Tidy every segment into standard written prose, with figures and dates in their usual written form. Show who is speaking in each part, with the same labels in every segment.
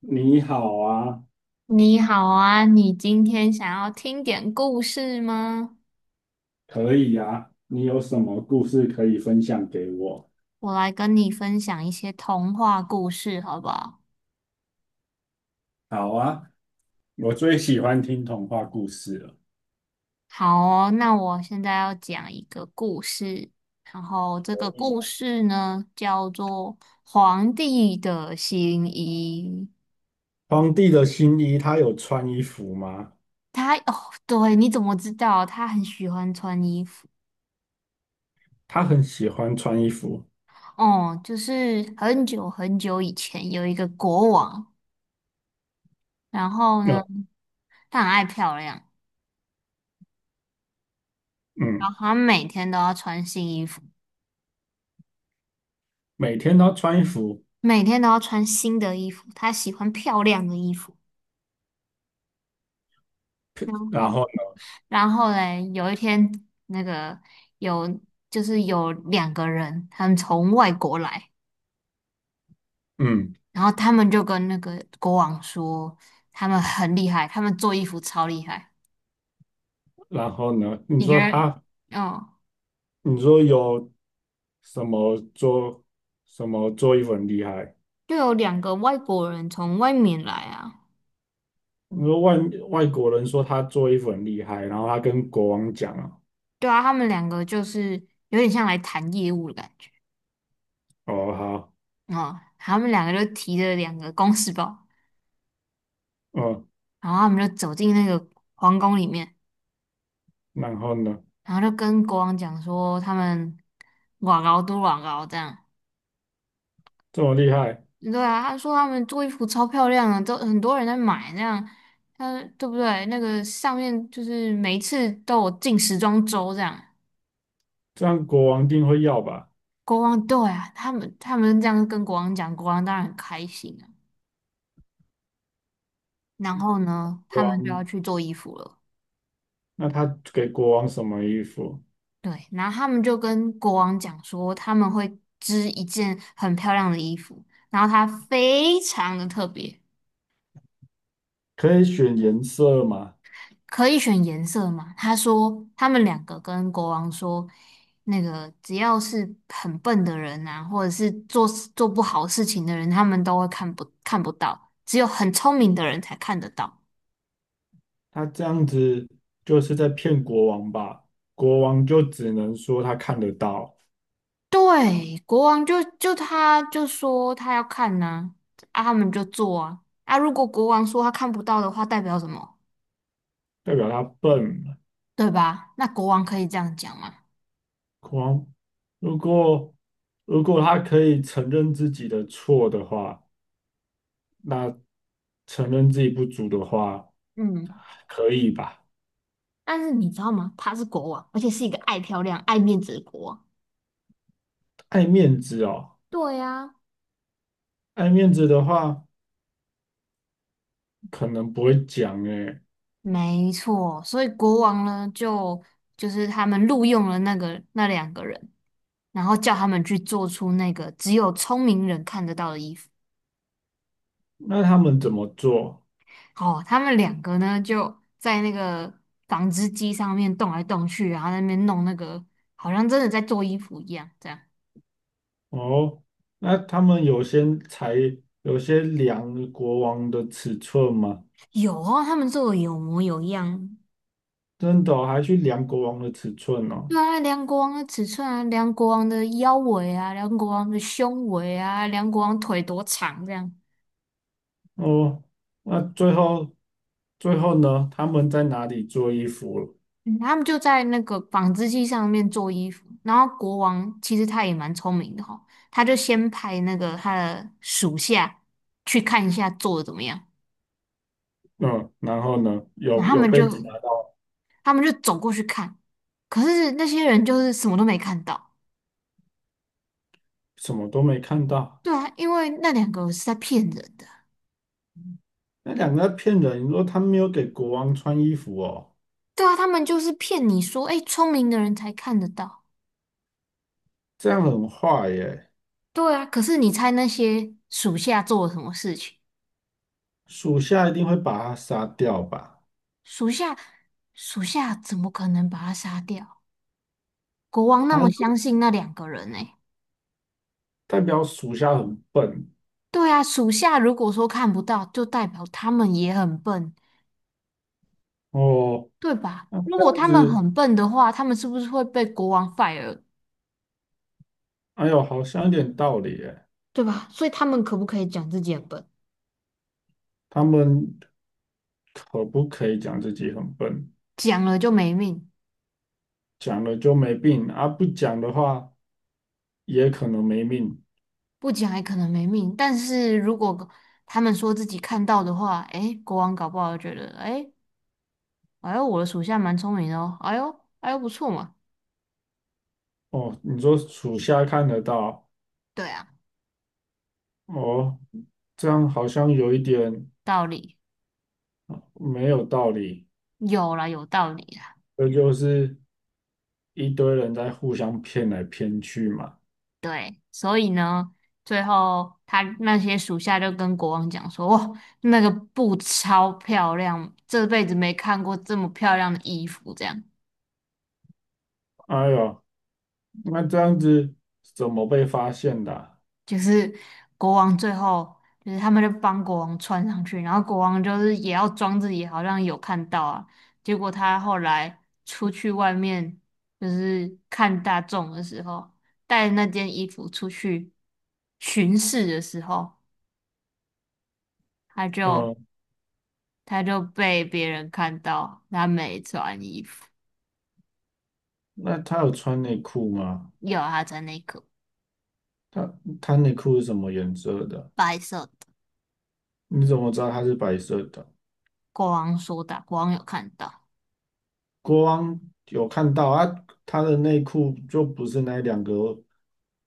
Speaker 1: 你好啊，
Speaker 2: 你好啊，你今天想要听点故事吗？
Speaker 1: 可以啊，你有什么故事可以分享给我？
Speaker 2: 我来跟你分享一些童话故事，好不好？
Speaker 1: 好啊，我最喜欢听童话故事了。
Speaker 2: 好哦，那我现在要讲一个故事，然后这
Speaker 1: 可
Speaker 2: 个
Speaker 1: 以
Speaker 2: 故
Speaker 1: 啊。
Speaker 2: 事呢叫做《皇帝的新衣》。
Speaker 1: 皇帝的新衣，他有穿衣服吗？
Speaker 2: 他哦，对，你怎么知道？他很喜欢穿衣服。
Speaker 1: 他很喜欢穿衣服，
Speaker 2: 哦，就是很久很久以前有一个国王，然后
Speaker 1: 呃，
Speaker 2: 呢，他很爱漂亮。然
Speaker 1: 嗯，
Speaker 2: 后他每天都要穿新衣服，
Speaker 1: 每天都穿衣服，
Speaker 2: 每天都要穿新的衣服。他喜欢漂亮的衣服。然
Speaker 1: 然
Speaker 2: 后，
Speaker 1: 后，
Speaker 2: 然后嘞，有一天，那个有就是有两个人，他们从外国来，
Speaker 1: 嗯，
Speaker 2: 然后他们就跟那个国王说，他们很厉害，他们做衣服超厉害。
Speaker 1: 然后呢？你
Speaker 2: 你觉
Speaker 1: 说他，
Speaker 2: 得？哦，
Speaker 1: 你说有什么做什么做衣服很厉害？
Speaker 2: 就有两个外国人从外面来啊。
Speaker 1: 你说外外国人说他做衣服很厉害，然后他跟国王讲啊，
Speaker 2: 对啊，他们两个就是有点像来谈业务的感觉。
Speaker 1: 哦，好。
Speaker 2: 哦，他们两个就提着两个公事包。
Speaker 1: 哦，
Speaker 2: 然后他们就走进那个皇宫里面，
Speaker 1: 然后呢？
Speaker 2: 然后就跟国王讲说他们瓦高都瓦高这样。
Speaker 1: 这么厉害，
Speaker 2: 对啊，他说他们做衣服超漂亮的，都很多人在买这样。他对不对？那个上面就是每一次都有进时装周这样。
Speaker 1: 这样国王一定会要吧？
Speaker 2: 国王对啊，他们这样跟国王讲，国王当然很开心啊。然后呢，他
Speaker 1: 国
Speaker 2: 们就
Speaker 1: 王，
Speaker 2: 要去做衣服了。
Speaker 1: 那他给国王什么衣服？
Speaker 2: 对，然后他们就跟国王讲说他们会织一件很漂亮的衣服，然后它非常的特别，
Speaker 1: 可以选颜色吗？
Speaker 2: 可以选颜色嘛？他说他们两个跟国王说，那个只要是很笨的人啊，或者是做不好事情的人，他们都会看不到，只有很聪明的人才看得到。
Speaker 1: 他这样子就是在骗国王吧？国王就只能说他看得到，
Speaker 2: 对，国王就他就说他要看呐、啊，他们就做啊。啊，如果国王说他看不到的话，代表什么？
Speaker 1: 代表他笨。
Speaker 2: 对吧？那国王可以这样讲吗？
Speaker 1: 国王，如果他可以承认自己的错的话，那承认自己不足的话，
Speaker 2: 嗯，
Speaker 1: 可以吧？
Speaker 2: 但是你知道吗？他是国王，而且是一个爱漂亮、爱面子的国王。
Speaker 1: 爱面子哦，
Speaker 2: 对呀、
Speaker 1: 爱面子的话。可能不会讲诶，
Speaker 2: 没错，所以国王呢，就是他们录用了那两个人，然后叫他们去做出那个只有聪明人看得到的衣服。
Speaker 1: 那他们怎么做？
Speaker 2: 哦，他们两个呢就在那个纺织机上面动来动去，然后在那边弄那个，好像真的在做衣服一样。这样
Speaker 1: 哦，那他们有些量国王的尺寸吗？
Speaker 2: 有哦，他们做的有模有样，
Speaker 1: 真的哦还去量国王的尺寸哦？
Speaker 2: 对啊，量国王的尺寸啊，量国王的腰围啊，量国王的胸围啊，量国王腿多长这样。
Speaker 1: 哦，那最后最后呢？他们在哪里做衣服了
Speaker 2: 嗯他们就在那个纺织机上面做衣服。然后国王其实他也蛮聪明的哈、他就先派那个他的属下去看一下做的怎么样。
Speaker 1: 嗯，然后呢？
Speaker 2: 然后
Speaker 1: 有
Speaker 2: 他
Speaker 1: 有
Speaker 2: 们
Speaker 1: 被
Speaker 2: 就
Speaker 1: 抓
Speaker 2: 他们就走过去看，可是那些人就是什么都没看到。
Speaker 1: 什么都没看到？
Speaker 2: 对啊，因为那两个是在骗人的。
Speaker 1: 那两个在骗人，你说他没有给国王穿衣服哦，
Speaker 2: 对啊，他们就是骗你说，哎，聪明的人才看得到。
Speaker 1: 这样很坏耶，
Speaker 2: 对啊，可是你猜那些属下做了什么事情？
Speaker 1: 属下一定会把他杀掉吧？
Speaker 2: 属下，属下怎么可能把他杀掉？国王那么
Speaker 1: 他。
Speaker 2: 相信那两个人呢、
Speaker 1: 代表属下很笨
Speaker 2: 对啊，属下如果说看不到，就代表他们也很笨，
Speaker 1: 哦。
Speaker 2: 对吧？
Speaker 1: 那
Speaker 2: 如
Speaker 1: 这
Speaker 2: 果
Speaker 1: 样
Speaker 2: 他们
Speaker 1: 子，
Speaker 2: 很笨的话，他们是不是会被国王 fire，
Speaker 1: 哎呦，好像有点道理耶。
Speaker 2: 对吧？所以他们可不可以讲自己很笨？
Speaker 1: 他们可不可以讲自己很笨？
Speaker 2: 讲了就没命，
Speaker 1: 讲了就没病啊，不讲的话也可能没命
Speaker 2: 不讲也可能没命。但是如果他们说自己看到的话，诶，国王搞不好觉得，诶。哎呦，我的属下蛮聪明的哦。哎呦，哎呦，不错嘛，
Speaker 1: 哦。你说属下看得到
Speaker 2: 对啊，
Speaker 1: 哦，这样好像有一点
Speaker 2: 道理
Speaker 1: 没有道理。
Speaker 2: 有啦，有道理啦。
Speaker 1: 这就是一堆人在互相骗来骗去嘛。
Speaker 2: 对，所以呢，最后他那些属下就跟国王讲说：“哇，那个布超漂亮，这辈子没看过这么漂亮的衣服。”这样。
Speaker 1: 哎呦，那这样子怎么被发现的啊
Speaker 2: 就是国王最后就是他们就帮国王穿上去，然后国王就是也要装自己好像有看到啊，结果他后来出去外面就是看大众的时候，带那件衣服出去巡视的时候，他就
Speaker 1: 嗯，
Speaker 2: 他就被别人看到他没穿衣服，
Speaker 1: 那他有穿内裤吗？
Speaker 2: 有他穿内裤，
Speaker 1: 他他内裤是什么颜色的？
Speaker 2: 白色的。
Speaker 1: 你怎么知道他是白色的？
Speaker 2: 国王说的，国王有看到，
Speaker 1: 国王有看到啊，他的内裤就不是那两个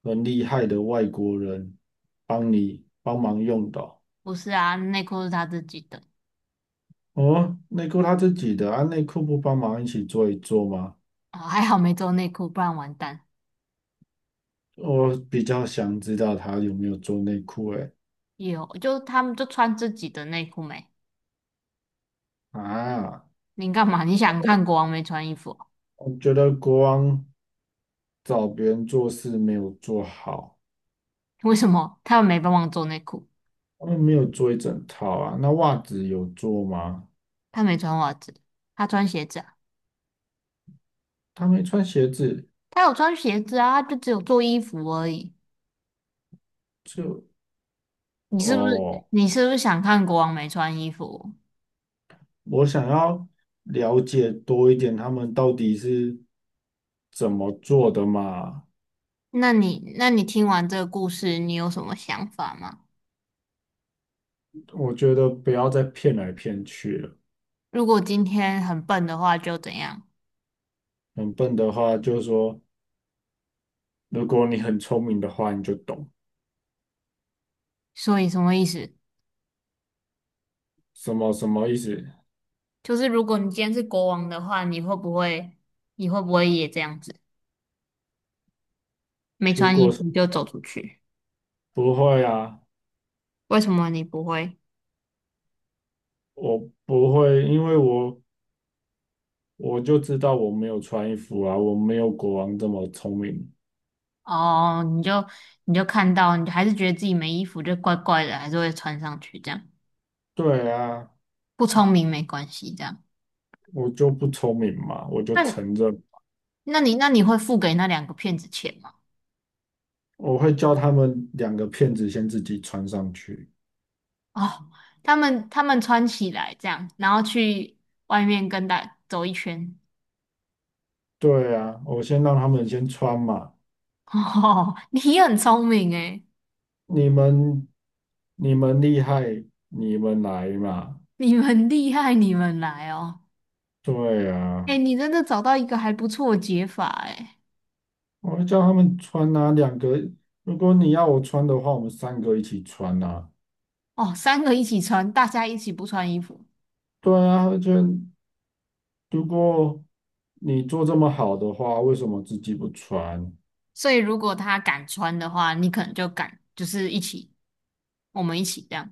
Speaker 1: 很厉害的外国人帮你帮忙用的哦。
Speaker 2: 不是啊，内裤是他自己的。
Speaker 1: 哦内裤他自己的啊，内裤不帮忙一起做一做吗？
Speaker 2: 啊，还好没做内裤，不然完蛋。
Speaker 1: 我比较想知道他有没有做内裤诶。
Speaker 2: 有，就他们就穿自己的内裤没？
Speaker 1: 啊，
Speaker 2: 你干嘛？你想看国王没穿衣服哦
Speaker 1: 我觉得国王找别人做事没有做好，
Speaker 2: 为什么他们没帮忙做内裤？
Speaker 1: 他们没有做一整套啊。那袜子有做吗？
Speaker 2: 他没穿袜子，他穿鞋子啊？
Speaker 1: 他没穿鞋子，
Speaker 2: 他有穿鞋子啊，他就只有做衣服而已。
Speaker 1: 就
Speaker 2: 你是不是
Speaker 1: 哦，
Speaker 2: 你是不是想看国王没穿衣服？
Speaker 1: 我想要了解多一点他们到底是怎么做的嘛。
Speaker 2: 那你听完这个故事，你有什么想法吗？
Speaker 1: 我觉得不要再骗来骗去了。
Speaker 2: 如果今天很笨的话，就怎样？
Speaker 1: 很笨的话，就是说，如果你很聪明的话，你就懂
Speaker 2: 所以什么意思？
Speaker 1: 什么意思。
Speaker 2: 就是如果你今天是国王的话，你会不会也这样子，没
Speaker 1: 如
Speaker 2: 穿衣
Speaker 1: 果是
Speaker 2: 服就走出去？
Speaker 1: 不会啊，
Speaker 2: 为什么你不会？
Speaker 1: 我不会，因为我就知道我没有穿衣服啊，我没有国王这么聪明。
Speaker 2: 哦，你就看到，你还是觉得自己没衣服就怪怪的，还是会穿上去这样。
Speaker 1: 对啊，
Speaker 2: 不聪明没关系，这样。
Speaker 1: 我就不聪明嘛，我就
Speaker 2: 那你
Speaker 1: 承认。
Speaker 2: 那你会付给那两个骗子钱吗？
Speaker 1: 我会叫他们两个骗子先自己穿上去。
Speaker 2: 哦，他们穿起来这样，然后去外面跟大走一圈。
Speaker 1: 对啊，我先让他们先穿嘛。
Speaker 2: 哦，你很聪明诶，
Speaker 1: 你们，你们厉害，你们来嘛。
Speaker 2: 你们厉害，你们来哦。
Speaker 1: 对
Speaker 2: 诶，
Speaker 1: 啊，
Speaker 2: 你真的找到一个还不错的解法诶。
Speaker 1: 我会叫他们穿啊，两个。如果你要我穿的话，我们三个一起穿啊。
Speaker 2: 哦，三个一起穿，大家一起不穿衣服。
Speaker 1: 对啊，而且如果你做这么好的话，为什么自己不穿？
Speaker 2: 所以如果他敢穿的话，你可能就敢，就是一起，我们一起这样。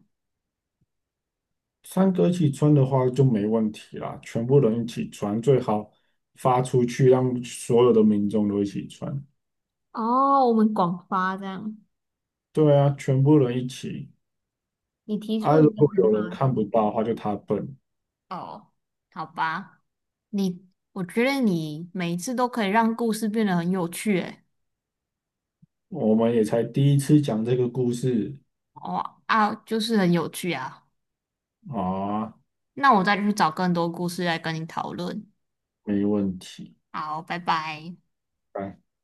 Speaker 1: 三个一起穿的话就没问题啦，全部人一起穿，最好发出去让所有的民众都一起穿。
Speaker 2: 哦，我们广发这样，
Speaker 1: 对啊，全部人一起。
Speaker 2: 你提
Speaker 1: 啊，
Speaker 2: 出一
Speaker 1: 如
Speaker 2: 个
Speaker 1: 果有
Speaker 2: 很
Speaker 1: 人
Speaker 2: 好的，
Speaker 1: 看不到的话，就他笨。
Speaker 2: 哦，好吧，你，我觉得你每一次都可以让故事变得很有趣，诶，
Speaker 1: 我们也才第一次讲这个故事
Speaker 2: 哦啊，就是很有趣啊。
Speaker 1: 啊，
Speaker 2: 那我再去找更多故事来跟你讨论。
Speaker 1: 没问题。
Speaker 2: 好，拜拜。
Speaker 1: 拜